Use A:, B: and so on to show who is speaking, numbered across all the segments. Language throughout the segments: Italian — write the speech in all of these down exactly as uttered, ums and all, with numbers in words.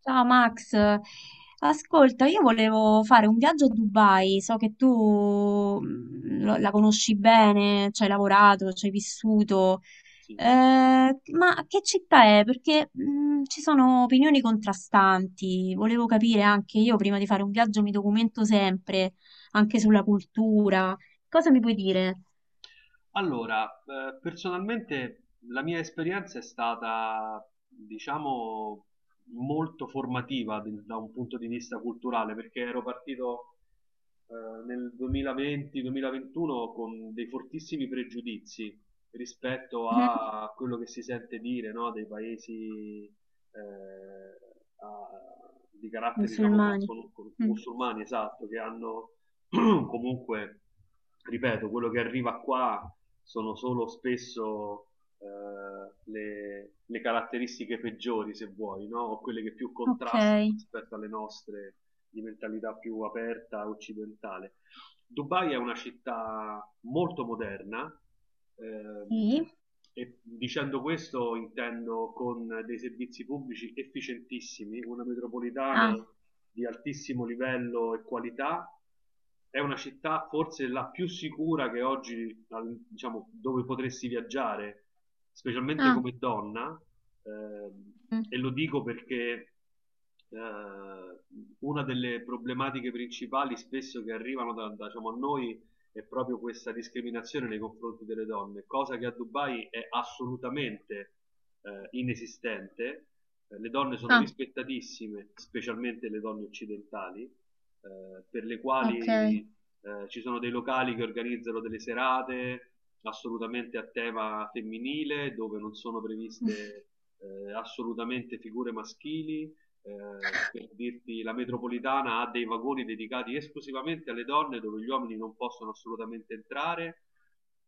A: Ciao Max, ascolta, io volevo fare un viaggio a Dubai, so che tu mm, lo- la conosci bene, ci hai lavorato, ci hai vissuto.
B: Sì.
A: Eh, ma che città è? Perché mm, ci sono opinioni contrastanti, volevo capire anche io, prima di fare un viaggio mi documento sempre, anche sulla cultura. Cosa mi puoi dire?
B: Allora, eh, personalmente la mia esperienza è stata, diciamo, molto formativa de- da un punto di vista culturale, perché ero partito eh, nel duemilaventi-duemilaventuno con dei fortissimi pregiudizi rispetto
A: Mhm.
B: a quello che si sente dire, no, dei paesi eh, a- di carattere, diciamo, con,
A: Musulmani.
B: con- con-
A: Mm.
B: musulmani, esatto, che hanno comunque, ripeto, quello che arriva qua sono solo spesso eh, le, le caratteristiche peggiori, se vuoi, no? O quelle che più
A: Ok,
B: contrastano rispetto alle nostre di mentalità più aperta occidentale. Dubai è una città molto moderna, ehm,
A: sì.
B: e dicendo questo intendo con dei servizi pubblici efficientissimi, una
A: Ah,
B: metropolitana di altissimo livello e qualità. È una città forse la più sicura che oggi, al- diciamo, dove potresti viaggiare, specialmente
A: ah,
B: come donna, ehm,
A: mm.
B: e lo dico perché eh, una delle problematiche principali spesso che arrivano da, da, diciamo, a noi è proprio questa discriminazione nei confronti delle donne, cosa che a Dubai è assolutamente eh, inesistente. Eh, Le donne sono
A: Ah,
B: rispettatissime, specialmente le donne occidentali, eh, per le
A: ok.
B: quali eh, ci sono dei locali che organizzano delle serate assolutamente a tema femminile, dove non sono previste eh, assolutamente figure maschili. Eh, per dirti, la metropolitana ha dei vagoni dedicati esclusivamente alle donne, dove gli uomini non possono assolutamente entrare.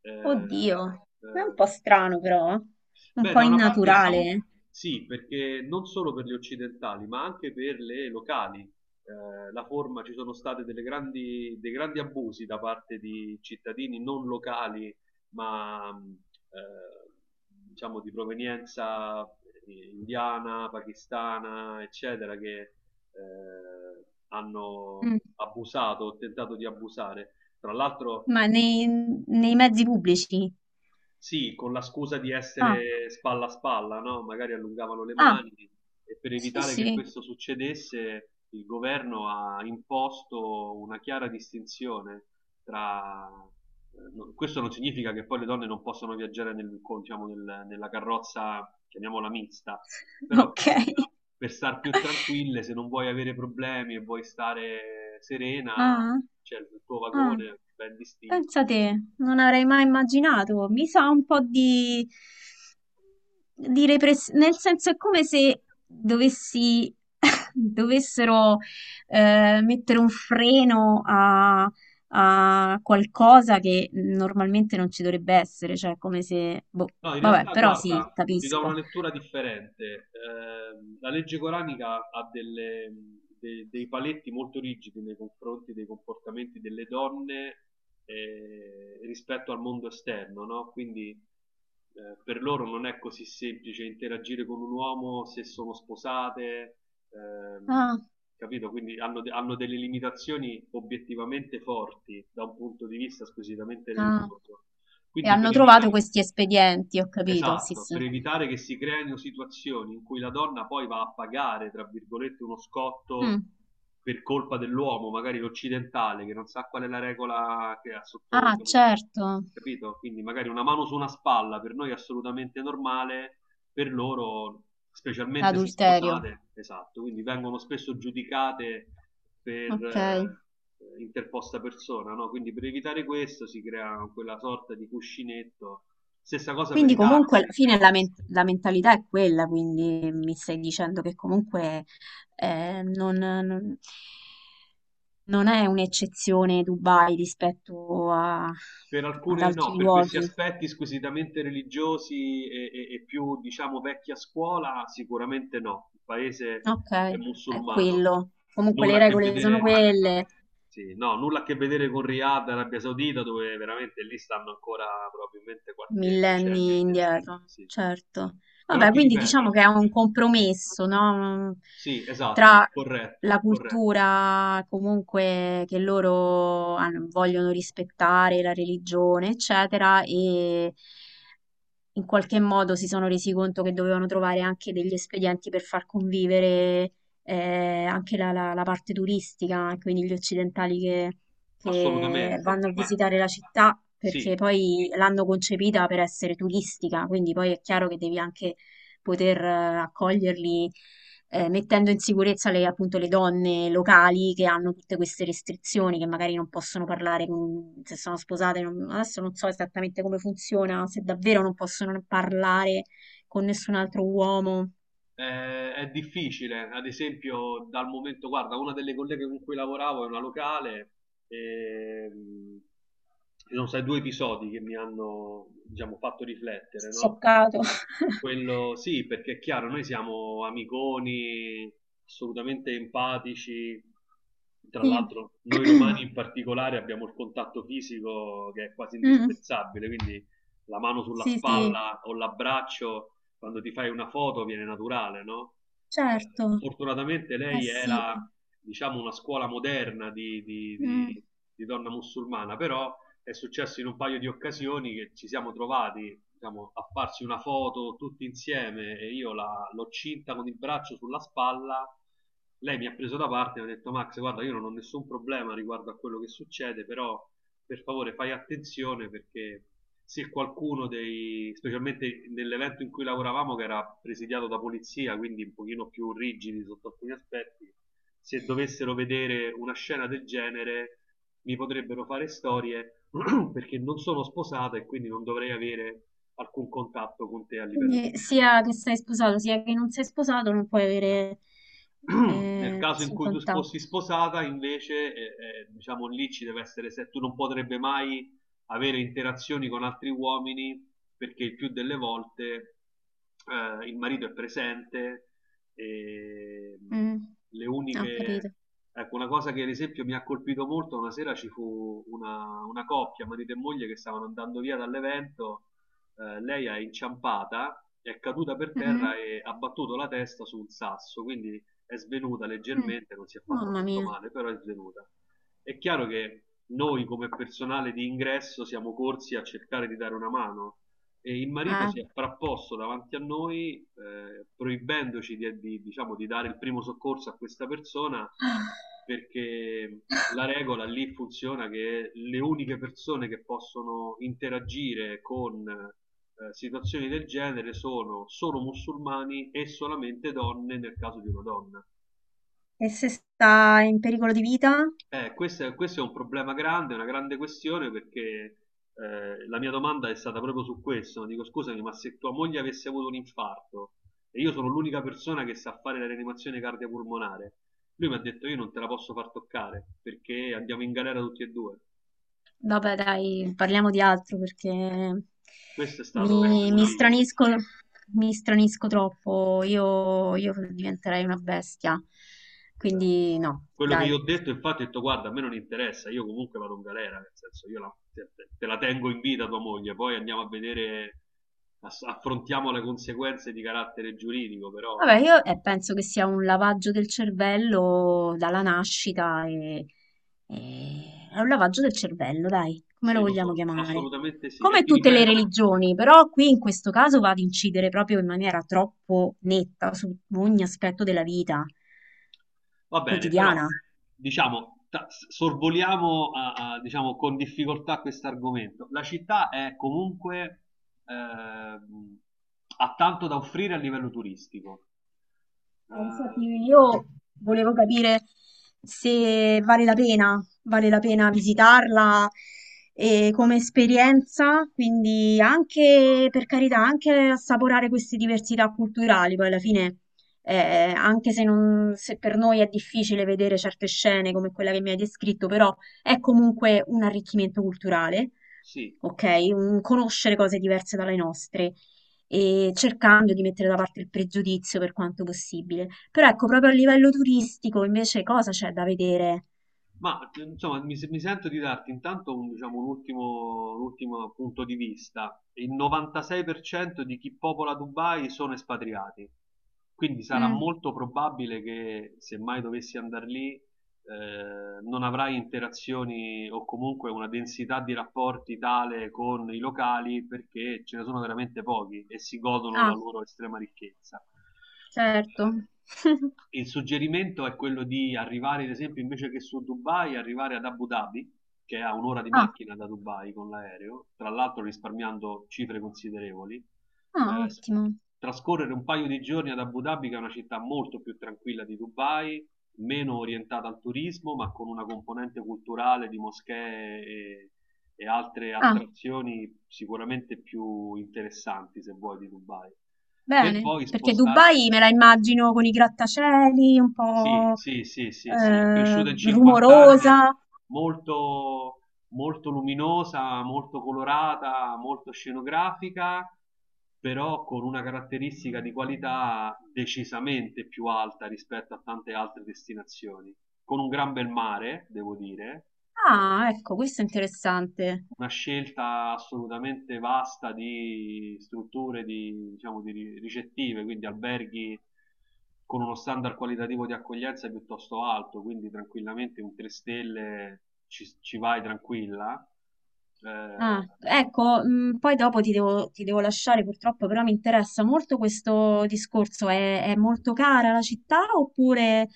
B: Eh,
A: Oddio, è un
B: eh,
A: po' strano però, un
B: Beh,
A: po'
B: da una parte sì,
A: innaturale.
B: sì, perché non solo per gli occidentali, ma anche per le locali. Eh, la forma, ci sono state delle grandi, dei grandi abusi da parte di cittadini non locali, ma mh, eh, diciamo di provenienza eh, indiana, pakistana, eccetera, che eh, hanno
A: Mm.
B: abusato o tentato di abusare. Tra l'altro
A: Ma nei, nei, mezzi pubblici.
B: sì, con la scusa di
A: Ah,
B: essere spalla a spalla, no? Magari allungavano le
A: ah,
B: mani, e per
A: sì,
B: evitare che
A: sì,
B: questo succedesse il governo ha imposto una chiara distinzione tra... eh, no- Questo non significa che poi le donne non possono viaggiare nel- con- diciamo, nel- nella carrozza, chiamiamola mista, però per,
A: ok.
B: per star più tranquille, se non vuoi avere problemi e vuoi stare serena,
A: Ah,
B: c'è il tuo
A: ah.
B: vagone ben distinto.
A: Pensa te, non avrei mai immaginato. Mi sa un po' di, di, repressione, nel senso è come se dovessi, dovessero eh, mettere un freno a, a qualcosa che normalmente non ci dovrebbe essere, cioè come se. Boh,
B: No, in
A: vabbè,
B: realtà,
A: però sì,
B: guarda, ti do una
A: capisco.
B: lettura differente. Ehm, la legge coranica ha delle- de- dei paletti molto rigidi nei confronti dei comportamenti delle donne eh, rispetto al mondo esterno, no? Quindi eh, per loro non è così semplice interagire con un uomo se sono sposate, ehm,
A: Ah,
B: capito? Quindi hanno, de- hanno delle limitazioni obiettivamente forti da un punto di vista squisitamente
A: ah.
B: religioso.
A: E
B: Quindi
A: hanno
B: per
A: trovato
B: evitare,
A: questi espedienti, ho capito, sì,
B: esatto, per
A: sì.
B: evitare che si creino situazioni in cui la donna poi va a pagare, tra virgolette, uno scotto
A: Mm.
B: per colpa dell'uomo, magari l'occidentale, che non sa qual è la regola che ha sotto,
A: Ah, certo,
B: capito? Quindi magari una mano su una spalla per noi è assolutamente normale, per loro, specialmente se
A: adulterio.
B: sposate, esatto, quindi vengono spesso giudicate per
A: Ok.
B: eh, interposta persona, no? Quindi per evitare questo si crea quella sorta di cuscinetto. Stessa cosa per
A: Quindi
B: i
A: comunque alla
B: taxi.
A: fine la, men- la mentalità è quella, quindi mi stai dicendo che comunque eh, non, non- non è un'eccezione Dubai rispetto a-
B: Per
A: ad
B: alcune no,
A: altri
B: per questi
A: luoghi.
B: aspetti squisitamente religiosi e, e- e più, diciamo, vecchia scuola, sicuramente no. Il paese
A: Ok,
B: è
A: è
B: musulmano,
A: quello. Comunque
B: nulla
A: le
B: a che
A: regole sono
B: vedere,
A: quelle.
B: sì, no, nulla a che vedere con Riyadh, Arabia Saudita, dove veramente lì stanno ancora probabilmente qualche decennio
A: Millenni
B: indietro.
A: indietro,
B: Sì.
A: certo.
B: Però
A: Vabbè,
B: ti
A: quindi diciamo
B: ripeto,
A: che è un compromesso, no?
B: sì, esatto,
A: Tra
B: corretto,
A: la
B: corretto,
A: cultura comunque che loro hanno- vogliono rispettare, la religione, eccetera, e in qualche modo si sono resi conto che dovevano trovare anche degli espedienti per far convivere eh, anche la, la- la parte turistica, quindi gli occidentali che, che
B: assolutamente,
A: vanno a
B: ma
A: visitare la città, perché
B: sì.
A: poi l'hanno concepita per essere turistica, quindi poi è chiaro che devi anche poter eh, accoglierli, eh, mettendo in sicurezza le, appunto, le donne locali, che hanno tutte queste restrizioni, che magari non possono parlare con- se sono sposate. Non- adesso non so esattamente come funziona, se davvero non possono parlare con nessun altro uomo.
B: Eh, è difficile, ad esempio, dal momento, guarda, una delle colleghe con cui lavoravo è una locale, e, mh, ci sono stati due episodi che mi hanno, diciamo, fatto riflettere, no?
A: Scioccato.
B: Quello sì, perché è chiaro, noi siamo amiconi, assolutamente empatici. Tra
A: Sì.
B: l'altro, noi romani in particolare abbiamo il contatto fisico che è quasi
A: Mm,
B: indispensabile, quindi la mano sulla
A: sì, sì,
B: spalla o l'abbraccio quando ti fai una foto viene naturale, no? Eh,
A: certo.
B: Fortunatamente
A: Eh
B: lei
A: sì.
B: era, diciamo, una scuola moderna di, di-
A: Mm.
B: di- di donna musulmana, però è successo in un paio di occasioni che ci siamo trovati, diciamo, a farsi una foto tutti insieme, e io la- l'ho cinta con il braccio sulla spalla. Lei mi ha preso da parte e mi ha detto: "Max, guarda, io non ho nessun problema riguardo a quello che succede, però per favore fai attenzione, perché se qualcuno dei, specialmente nell'evento in cui lavoravamo che era presidiato da polizia, quindi un pochino più rigidi sotto alcuni aspetti, se dovessero vedere una scena del genere mi potrebbero fare storie perché non sono sposato e quindi non dovrei avere alcun contatto con te a livello
A: Quindi
B: fisico."
A: sia che sei sposato, sia che non sei sposato, non puoi avere
B: Nel
A: eh,
B: caso in
A: nessun
B: cui tu
A: contatto.
B: fossi sposata, invece, eh, eh, diciamo lì ci deve essere, se tu non potrebbe mai avere interazioni con altri uomini, perché il più delle volte eh, il marito è presente e mh,
A: Mm.
B: le
A: Ah, ho
B: uniche...
A: capito.
B: Ecco, una cosa che ad esempio mi ha colpito molto: una sera ci fu una, una coppia, marito e moglie, che stavano andando via dall'evento, eh, lei è inciampata, è caduta per
A: Mm,
B: terra e ha battuto la testa su un sasso, quindi è svenuta
A: mm.
B: leggermente, non si è fatta
A: Mamma
B: molto
A: mia.
B: male, però è svenuta. È chiaro che noi come personale di ingresso siamo corsi a cercare di dare una mano, e il marito
A: Eh.
B: si è frapposto davanti a noi eh, proibendoci di, di- diciamo, di dare il primo soccorso a questa persona, perché la regola lì funziona che le uniche persone che possono interagire con eh, situazioni del genere sono solo musulmani, e solamente donne nel caso di una donna.
A: E se sta in pericolo di vita?
B: Eh, questo è, questo è un problema grande, una grande questione, perché eh, la mia domanda è stata proprio su questo. Dico: "Scusami, ma se tua moglie avesse avuto un infarto e io sono l'unica persona che sa fare la rianimazione cardiopulmonare..." Lui mi ha detto: "Io non te la posso far toccare perché andiamo in galera tutti e due."
A: Vabbè, dai, parliamo di altro, perché
B: Questo è stato
A: mi,
B: un
A: mi
B: limite.
A: stranisco, mi stranisco troppo. Io, io diventerei una bestia.
B: Esatto.
A: Quindi no,
B: Quello che io ho
A: dai.
B: detto, infatti, ho detto: "Guarda, a me non interessa, io comunque vado in galera. Nel senso, io la, te, te la tengo in vita tua moglie, poi andiamo a vedere, ass- affrontiamo le conseguenze di carattere giuridico."
A: Vabbè,
B: Però
A: io eh, penso che sia un lavaggio del cervello dalla nascita e, e- è un lavaggio del cervello, dai, come lo
B: sì, lo
A: vogliamo
B: so,
A: chiamare?
B: assolutamente sì. E
A: Come
B: ti
A: tutte le
B: ripeto,
A: religioni, però qui in questo caso va ad incidere proprio in maniera troppo netta su ogni aspetto della vita
B: va bene, però
A: quotidiana.
B: diciamo, ta- sorvoliamo a- a- diciamo, con difficoltà questo argomento. La città è comunque, ehm, ha tanto da offrire a livello turistico.
A: Eh,
B: Eh,
A: Infatti io volevo capire se vale la pena, vale la pena visitarla eh, come esperienza, quindi anche, per carità, anche assaporare queste diversità culturali. Poi alla fine, eh, anche se, non- se per noi è difficile vedere certe scene come quella che mi hai descritto, però è comunque un arricchimento culturale,
B: Sì,
A: ok? Un- conoscere cose diverse dalle nostre e cercando di mettere da parte il pregiudizio per quanto possibile. Però ecco, proprio a livello turistico invece cosa c'è da vedere?
B: ma che- insomma mi, se- mi sento di darti intanto un, diciamo, un ultimo, un ultimo punto di vista. Il novantasei per cento di chi popola Dubai sono espatriati, quindi sarà
A: Mm.
B: molto probabile che se mai dovessi andare lì eh, non avrai interazioni o comunque una densità di rapporti tale con i locali, perché ce ne sono veramente pochi e si godono la
A: Ah,
B: loro estrema ricchezza.
A: certo.
B: Eh, Il suggerimento è quello di arrivare, ad esempio, invece che su Dubai, arrivare ad Abu Dhabi, che è a un'ora di
A: Ah,
B: macchina da Dubai con l'aereo, tra l'altro risparmiando cifre considerevoli.
A: ah,
B: Eh, s-
A: ottimo.
B: trascorrere un paio di giorni ad Abu Dhabi, che è una città molto più tranquilla di Dubai, meno orientata al turismo, ma con una componente culturale di moschee e, e altre
A: Ah,
B: attrazioni sicuramente più interessanti, se vuoi, di Dubai. Per
A: bene,
B: poi
A: perché
B: spostarti.
A: Dubai me la immagino con i grattacieli, un
B: Sì,
A: po'
B: sì, sì, sì, sì, è
A: eh,
B: cresciuta in cinquanta anni,
A: rumorosa.
B: molto, molto luminosa, molto colorata, molto scenografica, però con una caratteristica di qualità decisamente più alta rispetto a tante altre destinazioni, con un gran bel mare, devo dire. eh,
A: Ah, ecco, questo è interessante.
B: una scelta assolutamente vasta di strutture di, diciamo, di ri- ricettive, quindi alberghi con uno standard qualitativo di accoglienza piuttosto alto, quindi tranquillamente un tre stelle ci, ci vai tranquilla. Eh,
A: Ah, ecco, mh, poi dopo ti devo, ti devo, lasciare purtroppo, però mi interessa molto questo discorso. È, è molto cara la città oppure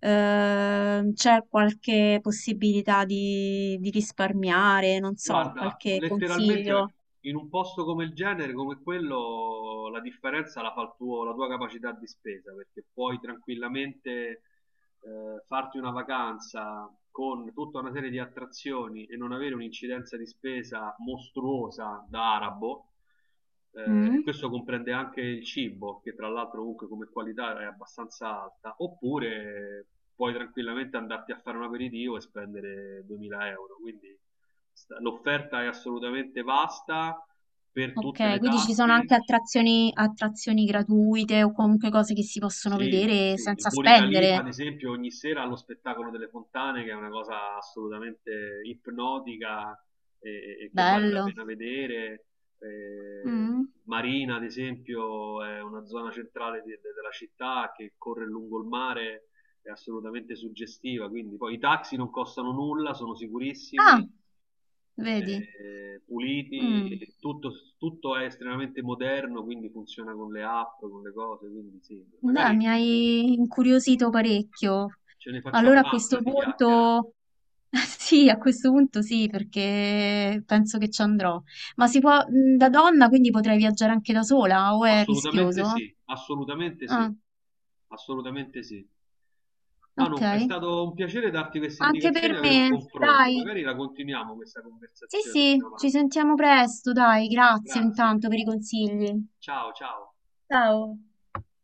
A: ehm, c'è qualche possibilità di, di risparmiare? Non so,
B: Guarda,
A: qualche
B: letteralmente
A: consiglio?
B: in un posto come il genere, come quello, la differenza la fa il tuo- la tua capacità di spesa, perché puoi tranquillamente eh, farti una vacanza con tutta una serie di attrazioni e non avere un'incidenza di spesa mostruosa da arabo. Eh, e
A: Mm?
B: questo comprende anche il cibo, che tra l'altro comunque come qualità è abbastanza alta, oppure puoi tranquillamente andarti a fare un aperitivo e spendere duemila euro, quindi sta- l'offerta è assolutamente vasta per tutte
A: Ok,
B: le
A: quindi ci sono
B: tasche.
A: anche attrazioni, attrazioni gratuite o comunque cose che si possono
B: Sì,
A: vedere
B: sì, il
A: senza
B: Burj Khalifa, ad
A: spendere.
B: esempio, ogni sera ha lo spettacolo delle fontane, che è una cosa assolutamente ipnotica e, e che vale la
A: Bello.
B: pena vedere. Eh,
A: Mm?
B: Marina, ad esempio, è una zona centrale de- de- della città che corre lungo il mare, è assolutamente suggestiva. Quindi, poi i taxi non costano nulla, sono
A: Ah,
B: sicurissimi,
A: vedi.
B: eh,
A: Mm.
B: puliti, tutto, tutto è estremamente moderno, quindi funziona con le app, con le cose. Quindi, sì, magari.
A: Beh, mi hai incuriosito parecchio.
B: Ce ne facciamo
A: Allora a
B: un'altra
A: questo
B: di chiacchiera.
A: punto, sì, a questo punto sì, perché penso che ci andrò. Ma si può, mh, da donna, quindi potrei viaggiare anche da sola, o è
B: Assolutamente
A: rischioso?
B: sì, assolutamente sì,
A: Ah,
B: assolutamente sì.
A: ok.
B: Manu, è stato un piacere darti queste
A: Anche
B: indicazioni e
A: per
B: avere un
A: me,
B: confronto.
A: dai.
B: Magari la continuiamo questa
A: Sì,
B: conversazione più
A: sì, ci
B: avanti.
A: sentiamo presto, dai. Grazie
B: Grazie.
A: intanto per i consigli.
B: Ciao, ciao.
A: Ciao.